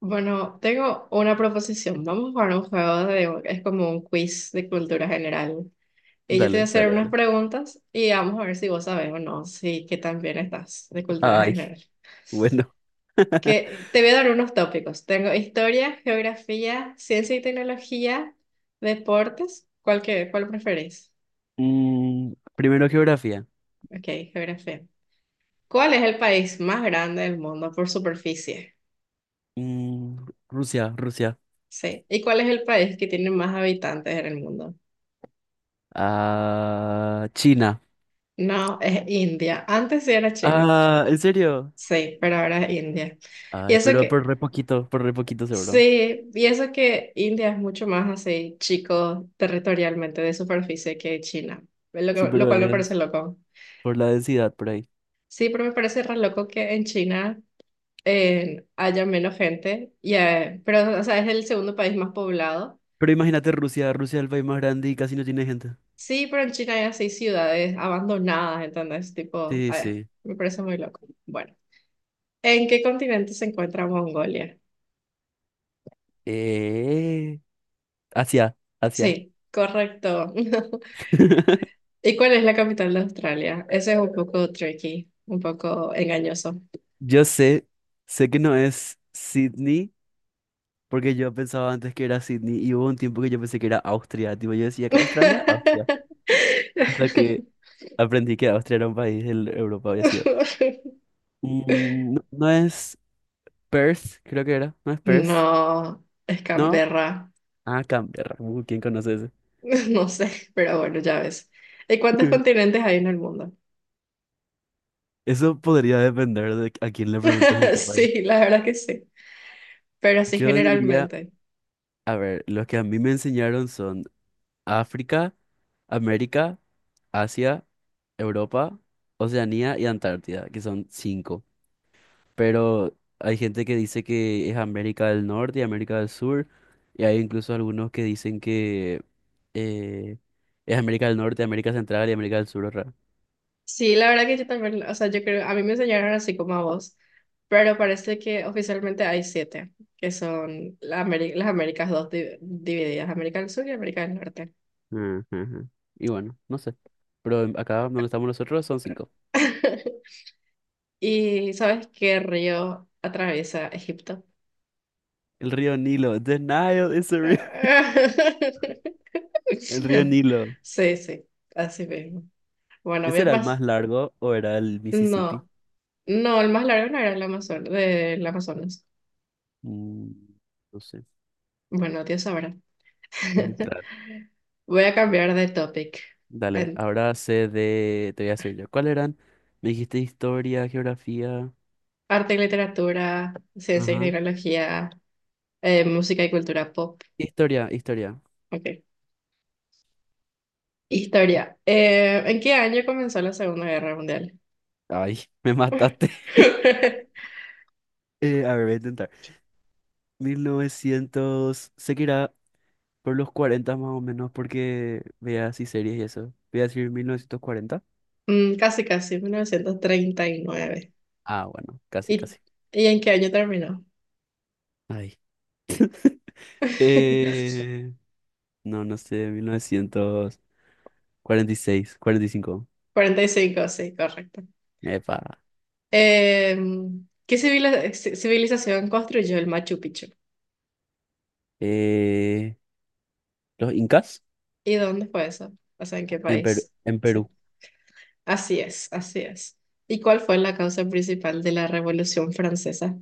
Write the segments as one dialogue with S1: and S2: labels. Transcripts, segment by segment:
S1: Bueno, tengo una proposición. Vamos a jugar un juego de, es como un quiz de cultura general. Y yo te voy a
S2: Dale,
S1: hacer
S2: dale,
S1: unas
S2: dale.
S1: preguntas y vamos a ver si vos sabes o no, si qué tan bien estás de cultura
S2: Ay,
S1: general.
S2: bueno.
S1: Que te voy a dar unos tópicos. Tengo historia, geografía, ciencia y tecnología, deportes. ¿Cuál preferís?
S2: Primero geografía.
S1: Ok, geografía. ¿Cuál es el país más grande del mundo por superficie?
S2: Mm, Rusia, Rusia.
S1: Sí. ¿Y cuál es el país que tiene más habitantes en el mundo?
S2: Ah, China.
S1: No, es India. Antes sí era China,
S2: Ah, ¿en serio?
S1: sí, pero ahora es India. Y
S2: Ay,
S1: eso
S2: pero
S1: que,
S2: por re poquito seguro.
S1: sí, y eso que India es mucho más así, chico territorialmente de superficie que China,
S2: Sí,
S1: lo
S2: pero
S1: cual me parece
S2: es
S1: loco.
S2: por la densidad por ahí.
S1: Sí, pero me parece re loco que en China haya menos gente, pero o sea, es el segundo país más poblado.
S2: Pero imagínate Rusia, Rusia es el país más grande y casi no tiene gente.
S1: Sí, pero en China hay así ciudades abandonadas, entonces, tipo,
S2: Sí, sí.
S1: me parece muy loco. Bueno, ¿en qué continente se encuentra Mongolia?
S2: Eh, Asia, Asia.
S1: Sí, correcto. ¿Y cuál es la capital de Australia? Ese es un poco tricky, un poco engañoso.
S2: Yo sé, sé que no es Sydney. Porque yo pensaba antes que era Sydney y hubo un tiempo que yo pensé que era Austria. Tipo, yo decía que Australia, Austria. Hasta que aprendí que Austria era un país de Europa, había sido. No, no es Perth, creo que era. No es Perth.
S1: No, es
S2: ¿No?
S1: Canberra.
S2: Ah, Canberra. ¿Quién conoce ese?
S1: No sé, pero bueno, ya ves. ¿Y cuántos continentes hay en el mundo?
S2: Eso podría depender de a quién le preguntes en qué país.
S1: Sí, la verdad que sí, pero sí
S2: Yo diría,
S1: generalmente.
S2: a ver, los que a mí me enseñaron son África, América, Asia, Europa, Oceanía y Antártida, que son cinco. Pero hay gente que dice que es América del Norte y América del Sur, y hay incluso algunos que dicen que eh, es América del Norte, América Central y América del Sur, otra.
S1: Sí, la verdad que yo también, o sea, yo creo, a mí me enseñaron así como a vos, pero parece que oficialmente hay siete, que son las Américas dos divididas, América del Sur y América del Norte.
S2: Ujú, ujú. Y bueno, no sé. Pero acá donde estamos nosotros son cinco.
S1: ¿Y sabes qué río atraviesa Egipto?
S2: El río Nilo. The Nile is a ri- El río Nilo.
S1: Sí, sí, así mismo. Bueno, voy
S2: ¿Ese
S1: a
S2: era el
S1: pasar.
S2: más largo o era el Mississippi?
S1: No, no, el más largo no era el Amazonas, del Amazonas.
S2: Mm, no sé.
S1: Bueno, Dios sabrá.
S2: Claro.
S1: Voy a cambiar de topic.
S2: Dale,
S1: En
S2: ahora sé de. Te voy a decir yo. ¿Cuál eran? Me dijiste historia, geografía.
S1: arte y literatura, ciencia y
S2: Ajá.
S1: tecnología, música y cultura pop.
S2: Historia, historia.
S1: Ok. Historia. ¿En qué año comenzó la Segunda Guerra Mundial?
S2: Ay, me mataste. A ver, voy a intentar. 1900, sé que irá por los 40 más o menos, porque vea así series y eso. Voy a decir 1940.
S1: Casi, casi, 1939.
S2: Ah, bueno, casi,
S1: y
S2: casi.
S1: y en qué año terminó?
S2: Ay. Eh, no, no sé, 1946, 45.
S1: 45, sí, correcto.
S2: Epa.
S1: ¿Qué civilización construyó el Machu Picchu?
S2: Eh, los incas
S1: ¿Y dónde fue eso? O sea, ¿en qué
S2: en Perú,
S1: país?
S2: en Perú.
S1: Así es, así es. ¿Y cuál fue la causa principal de la Revolución Francesa?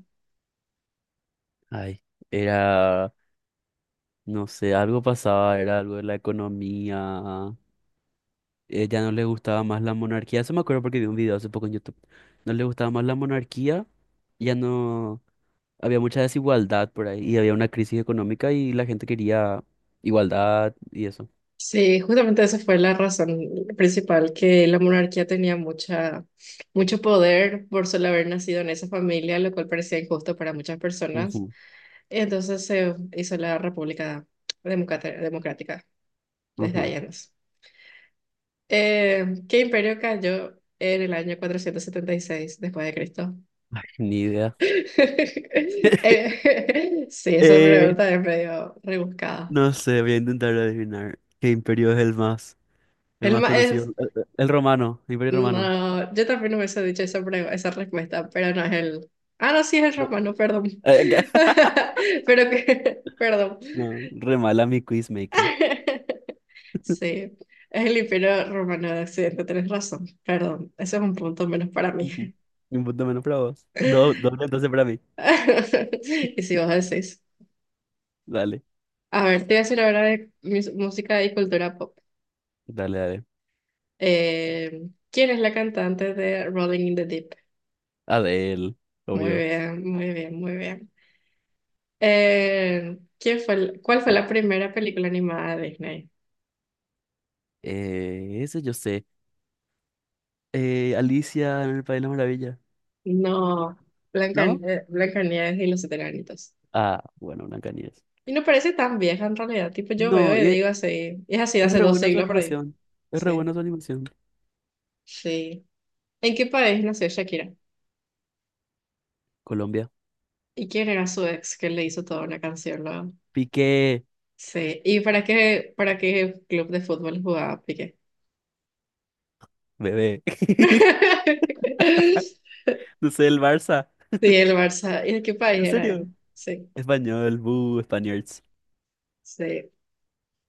S2: Ay, era, no sé, algo pasaba, era algo de la economía, ya no le gustaba más la monarquía. Eso me acuerdo porque vi un video hace poco en YouTube. No le gustaba más la monarquía, ya no había mucha desigualdad por ahí y había una crisis económica y la gente quería igualdad y eso.
S1: Sí, justamente esa fue la razón principal, que la monarquía tenía mucho poder por solo haber nacido en esa familia, lo cual parecía injusto para muchas personas.
S2: Ujú,
S1: Entonces se hizo la República Democrática desde ahí
S2: ujú.
S1: en más. ¿Qué imperio cayó en el año 476 después de Cristo?
S2: Ni idea.
S1: Sí, esa
S2: Eh,
S1: pregunta es medio rebuscada.
S2: no sé, voy a intentar adivinar qué imperio es el más,
S1: El ma-
S2: conocido.
S1: es,
S2: El romano, el imperio romano.
S1: no, yo también hubiese dicho esa, esa respuesta, pero no es el... Ah, no, sí es el
S2: No,
S1: romano, perdón.
S2: ¿qué?
S1: Pero que, perdón.
S2: No, re mala mi quizmaker.
S1: Sí, es el imperio romano de Occidente, tenés razón. Perdón, ese es un punto menos para mí.
S2: Ujú. Un punto menos para vos. Dos, dos entonces para mí.
S1: Y si vos decís...
S2: Dale,
S1: A ver, te voy a decir la ahora de música y cultura pop.
S2: dale, dale.
S1: ¿Quién es la cantante de Rolling in the Deep?
S2: Adele,
S1: Muy
S2: obvio.
S1: bien, muy bien, muy bien. ¿Quién fue, cuál fue la primera película animada de Disney?
S2: Eso yo sé. Alicia en el País de las Maravillas,
S1: No,
S2: ¿no?
S1: Blancanieves y los siete enanitos.
S2: Ah, bueno, Blancanieves.
S1: Y no parece tan vieja en realidad, tipo yo veo
S2: No,
S1: y digo así, es así de
S2: es
S1: hace
S2: re
S1: dos
S2: buena su
S1: siglos por ahí.
S2: animación. Es re
S1: Sí,
S2: buena su animación.
S1: sí. ¿En qué país nació Shakira?
S2: Colombia.
S1: ¿Y quién era su ex que le hizo toda una canción luego?
S2: Piqué,
S1: Sí, ¿y para qué club de fútbol jugaba Piqué?
S2: bebé. No sé, el Barça.
S1: Sí, el Barça. ¿Y de qué país
S2: ¿En
S1: era
S2: serio?
S1: él? Sí,
S2: Español, buh, Spaniards.
S1: sí.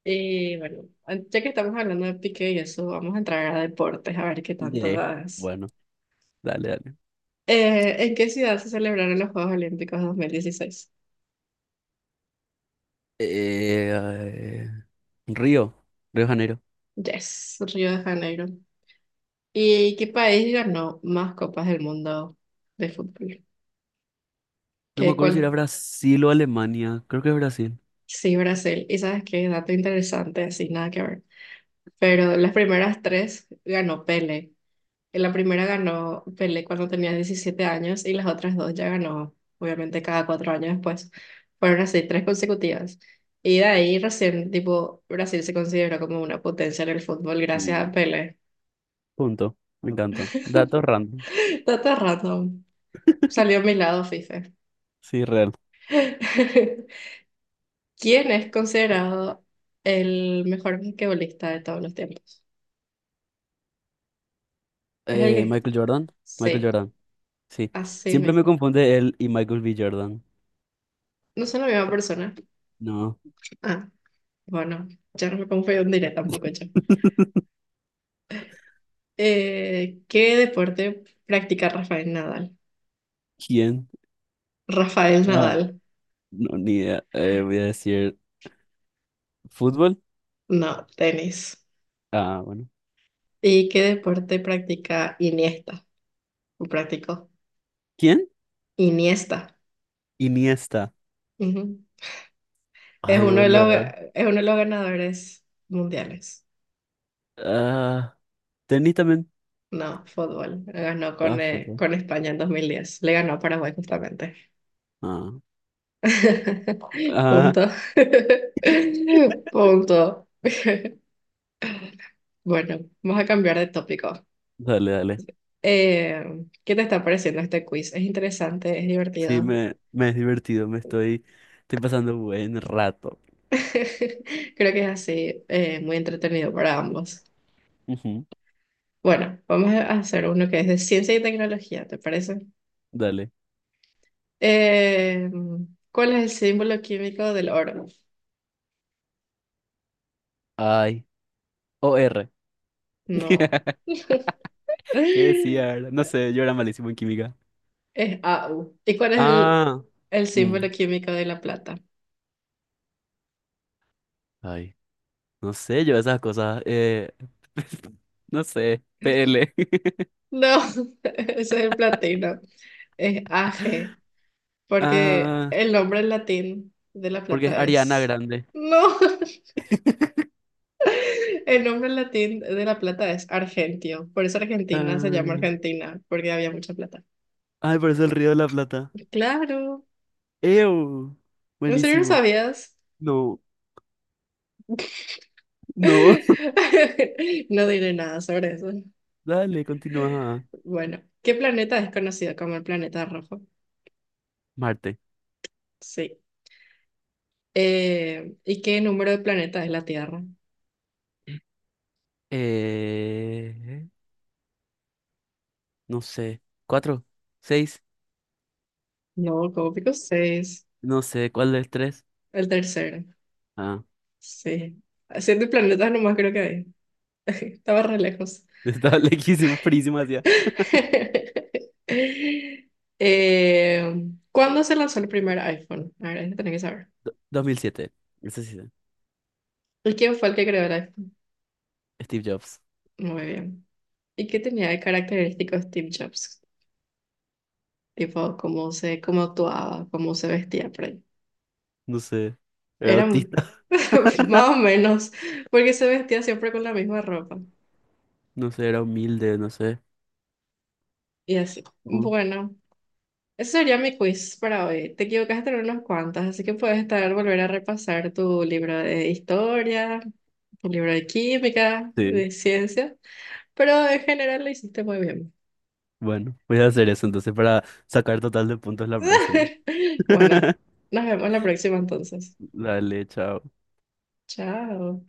S1: Y bueno, ya que estamos hablando de Piqué y eso, vamos a entrar a deportes, a ver qué tanto
S2: Yeah.
S1: das.
S2: Bueno, dale, dale.
S1: ¿En qué ciudad se celebraron los Juegos Olímpicos 2016?
S2: Eh, eh, Río, Río de Janeiro.
S1: Yes, Río de Janeiro. ¿Y qué país ganó más copas del mundo de fútbol?
S2: No me
S1: ¿Qué,
S2: acuerdo si era
S1: cuál?
S2: Brasil o Alemania. Creo que es Brasil.
S1: Sí, Brasil. ¿Y sabes qué? Dato interesante, así, nada que ver, pero las primeras tres ganó Pele. En la primera ganó Pele cuando tenía 17 años y las otras dos ya ganó, obviamente, cada 4 años después. Fueron así, tres consecutivas. Y de ahí recién, tipo, Brasil se consideró como una potencia en el fútbol gracias
S2: Mm.
S1: a Pele.
S2: Punto. Me encantó. Datos random.
S1: Dato random. Salió a mi lado, FIFA.
S2: Sí, real.
S1: ¿Quién es considerado el mejor basquetbolista de todos los tiempos? Es el que...
S2: Michael Jordan. Michael
S1: Sí,
S2: Jordan. Sí.
S1: así
S2: Siempre me
S1: mismo.
S2: confunde él y Michael B. Jordan.
S1: No son la misma persona.
S2: No.
S1: Ah. Bueno, ya no me confundiré tampoco yo. ¿Qué deporte practica Rafael Nadal?
S2: ¿Quién?
S1: Rafael
S2: Ah,
S1: Nadal,
S2: no, ni idea. Voy a decir fútbol.
S1: no, tenis.
S2: Ah, bueno.
S1: ¿Y qué deporte practica Iniesta? ¿O practicó?
S2: ¿Quién?
S1: Iniesta.
S2: Iniesta.
S1: Ujú.
S2: Ay, boludo.
S1: Es uno de los ganadores mundiales.
S2: Ah, tenis también.
S1: No, fútbol. Ganó
S2: Ah, fútbol.
S1: con España en 2010. Le ganó a Paraguay justamente.
S2: Ah, ah.
S1: Punto. Punto. Bueno, vamos a cambiar de tópico.
S2: Dale, dale.
S1: Eh, ¿Qué te está pareciendo este quiz? Es interesante, es
S2: Sí,
S1: divertido.
S2: me es divertido. Me estoy pasando buen rato.
S1: Creo que es así, muy entretenido para ambos.
S2: Ujú.
S1: Bueno, vamos a hacer uno que es de ciencia y tecnología, ¿te parece?
S2: Dale.
S1: Eh, ¿Cuál es el símbolo químico del oro?
S2: Ay, OR.
S1: No,
S2: ¿Qué decía? ¿Era? No sé, yo era malísimo en química.
S1: es AU. ¿Y cuál es el,
S2: Ah.
S1: el
S2: Mm.
S1: símbolo químico de la plata?
S2: Ay, no sé, yo esas cosas. No sé, PL.
S1: No, ese es el platino, es AG, porque
S2: Ah,
S1: el nombre en latín de la
S2: porque es
S1: plata
S2: Ariana
S1: es...
S2: Grande.
S1: No. El nombre latín de la plata es argentio, por eso Argentina se llama
S2: Ah.
S1: Argentina, porque había mucha plata.
S2: Ay, parece el Río de la Plata.
S1: Claro,
S2: ¡Ew!
S1: ¿en serio no
S2: Buenísimo.
S1: sabías?
S2: No. No.
S1: No diré nada sobre eso.
S2: Dale, continúa.
S1: Bueno, ¿qué planeta es conocido como el planeta rojo?
S2: Marte.
S1: Sí. ¿Y qué número de planetas es la Tierra?
S2: Eh, no sé. ¿Cuatro? ¿Seis?
S1: No, como pico seis,
S2: No sé, ¿cuál es tres?
S1: el tercero.
S2: Ah.
S1: Sí. Siete planetas nomás creo que hay. Estaba re lejos.
S2: Estaba lejísimo, frísimo hacia.
S1: Eh, ¿Cuándo se lanzó el primer iPhone? A ver, eso tenés que saber.
S2: 2007. Ese sí.
S1: ¿Y quién fue el que creó el iPhone?
S2: Steve Jobs.
S1: Muy bien. ¿Y qué tenía de característicos Steve Jobs? Tipo, cómo actuaba, cómo se vestía por ahí.
S2: No sé. Era
S1: Eran
S2: autista.
S1: más o menos, porque se vestía siempre con la misma ropa.
S2: No sé, era humilde, no sé.
S1: Y así.
S2: Uh,
S1: Bueno. Ese sería mi quiz para hoy. Te equivocaste en unos cuantos, así que puedes volver a repasar tu libro de historia, tu libro de química,
S2: sí.
S1: de ciencia, pero en general lo hiciste muy bien.
S2: Bueno, voy a hacer eso entonces para sacar total de puntos la próxima.
S1: Bueno, nos vemos la próxima entonces.
S2: Dale, chao.
S1: Chao.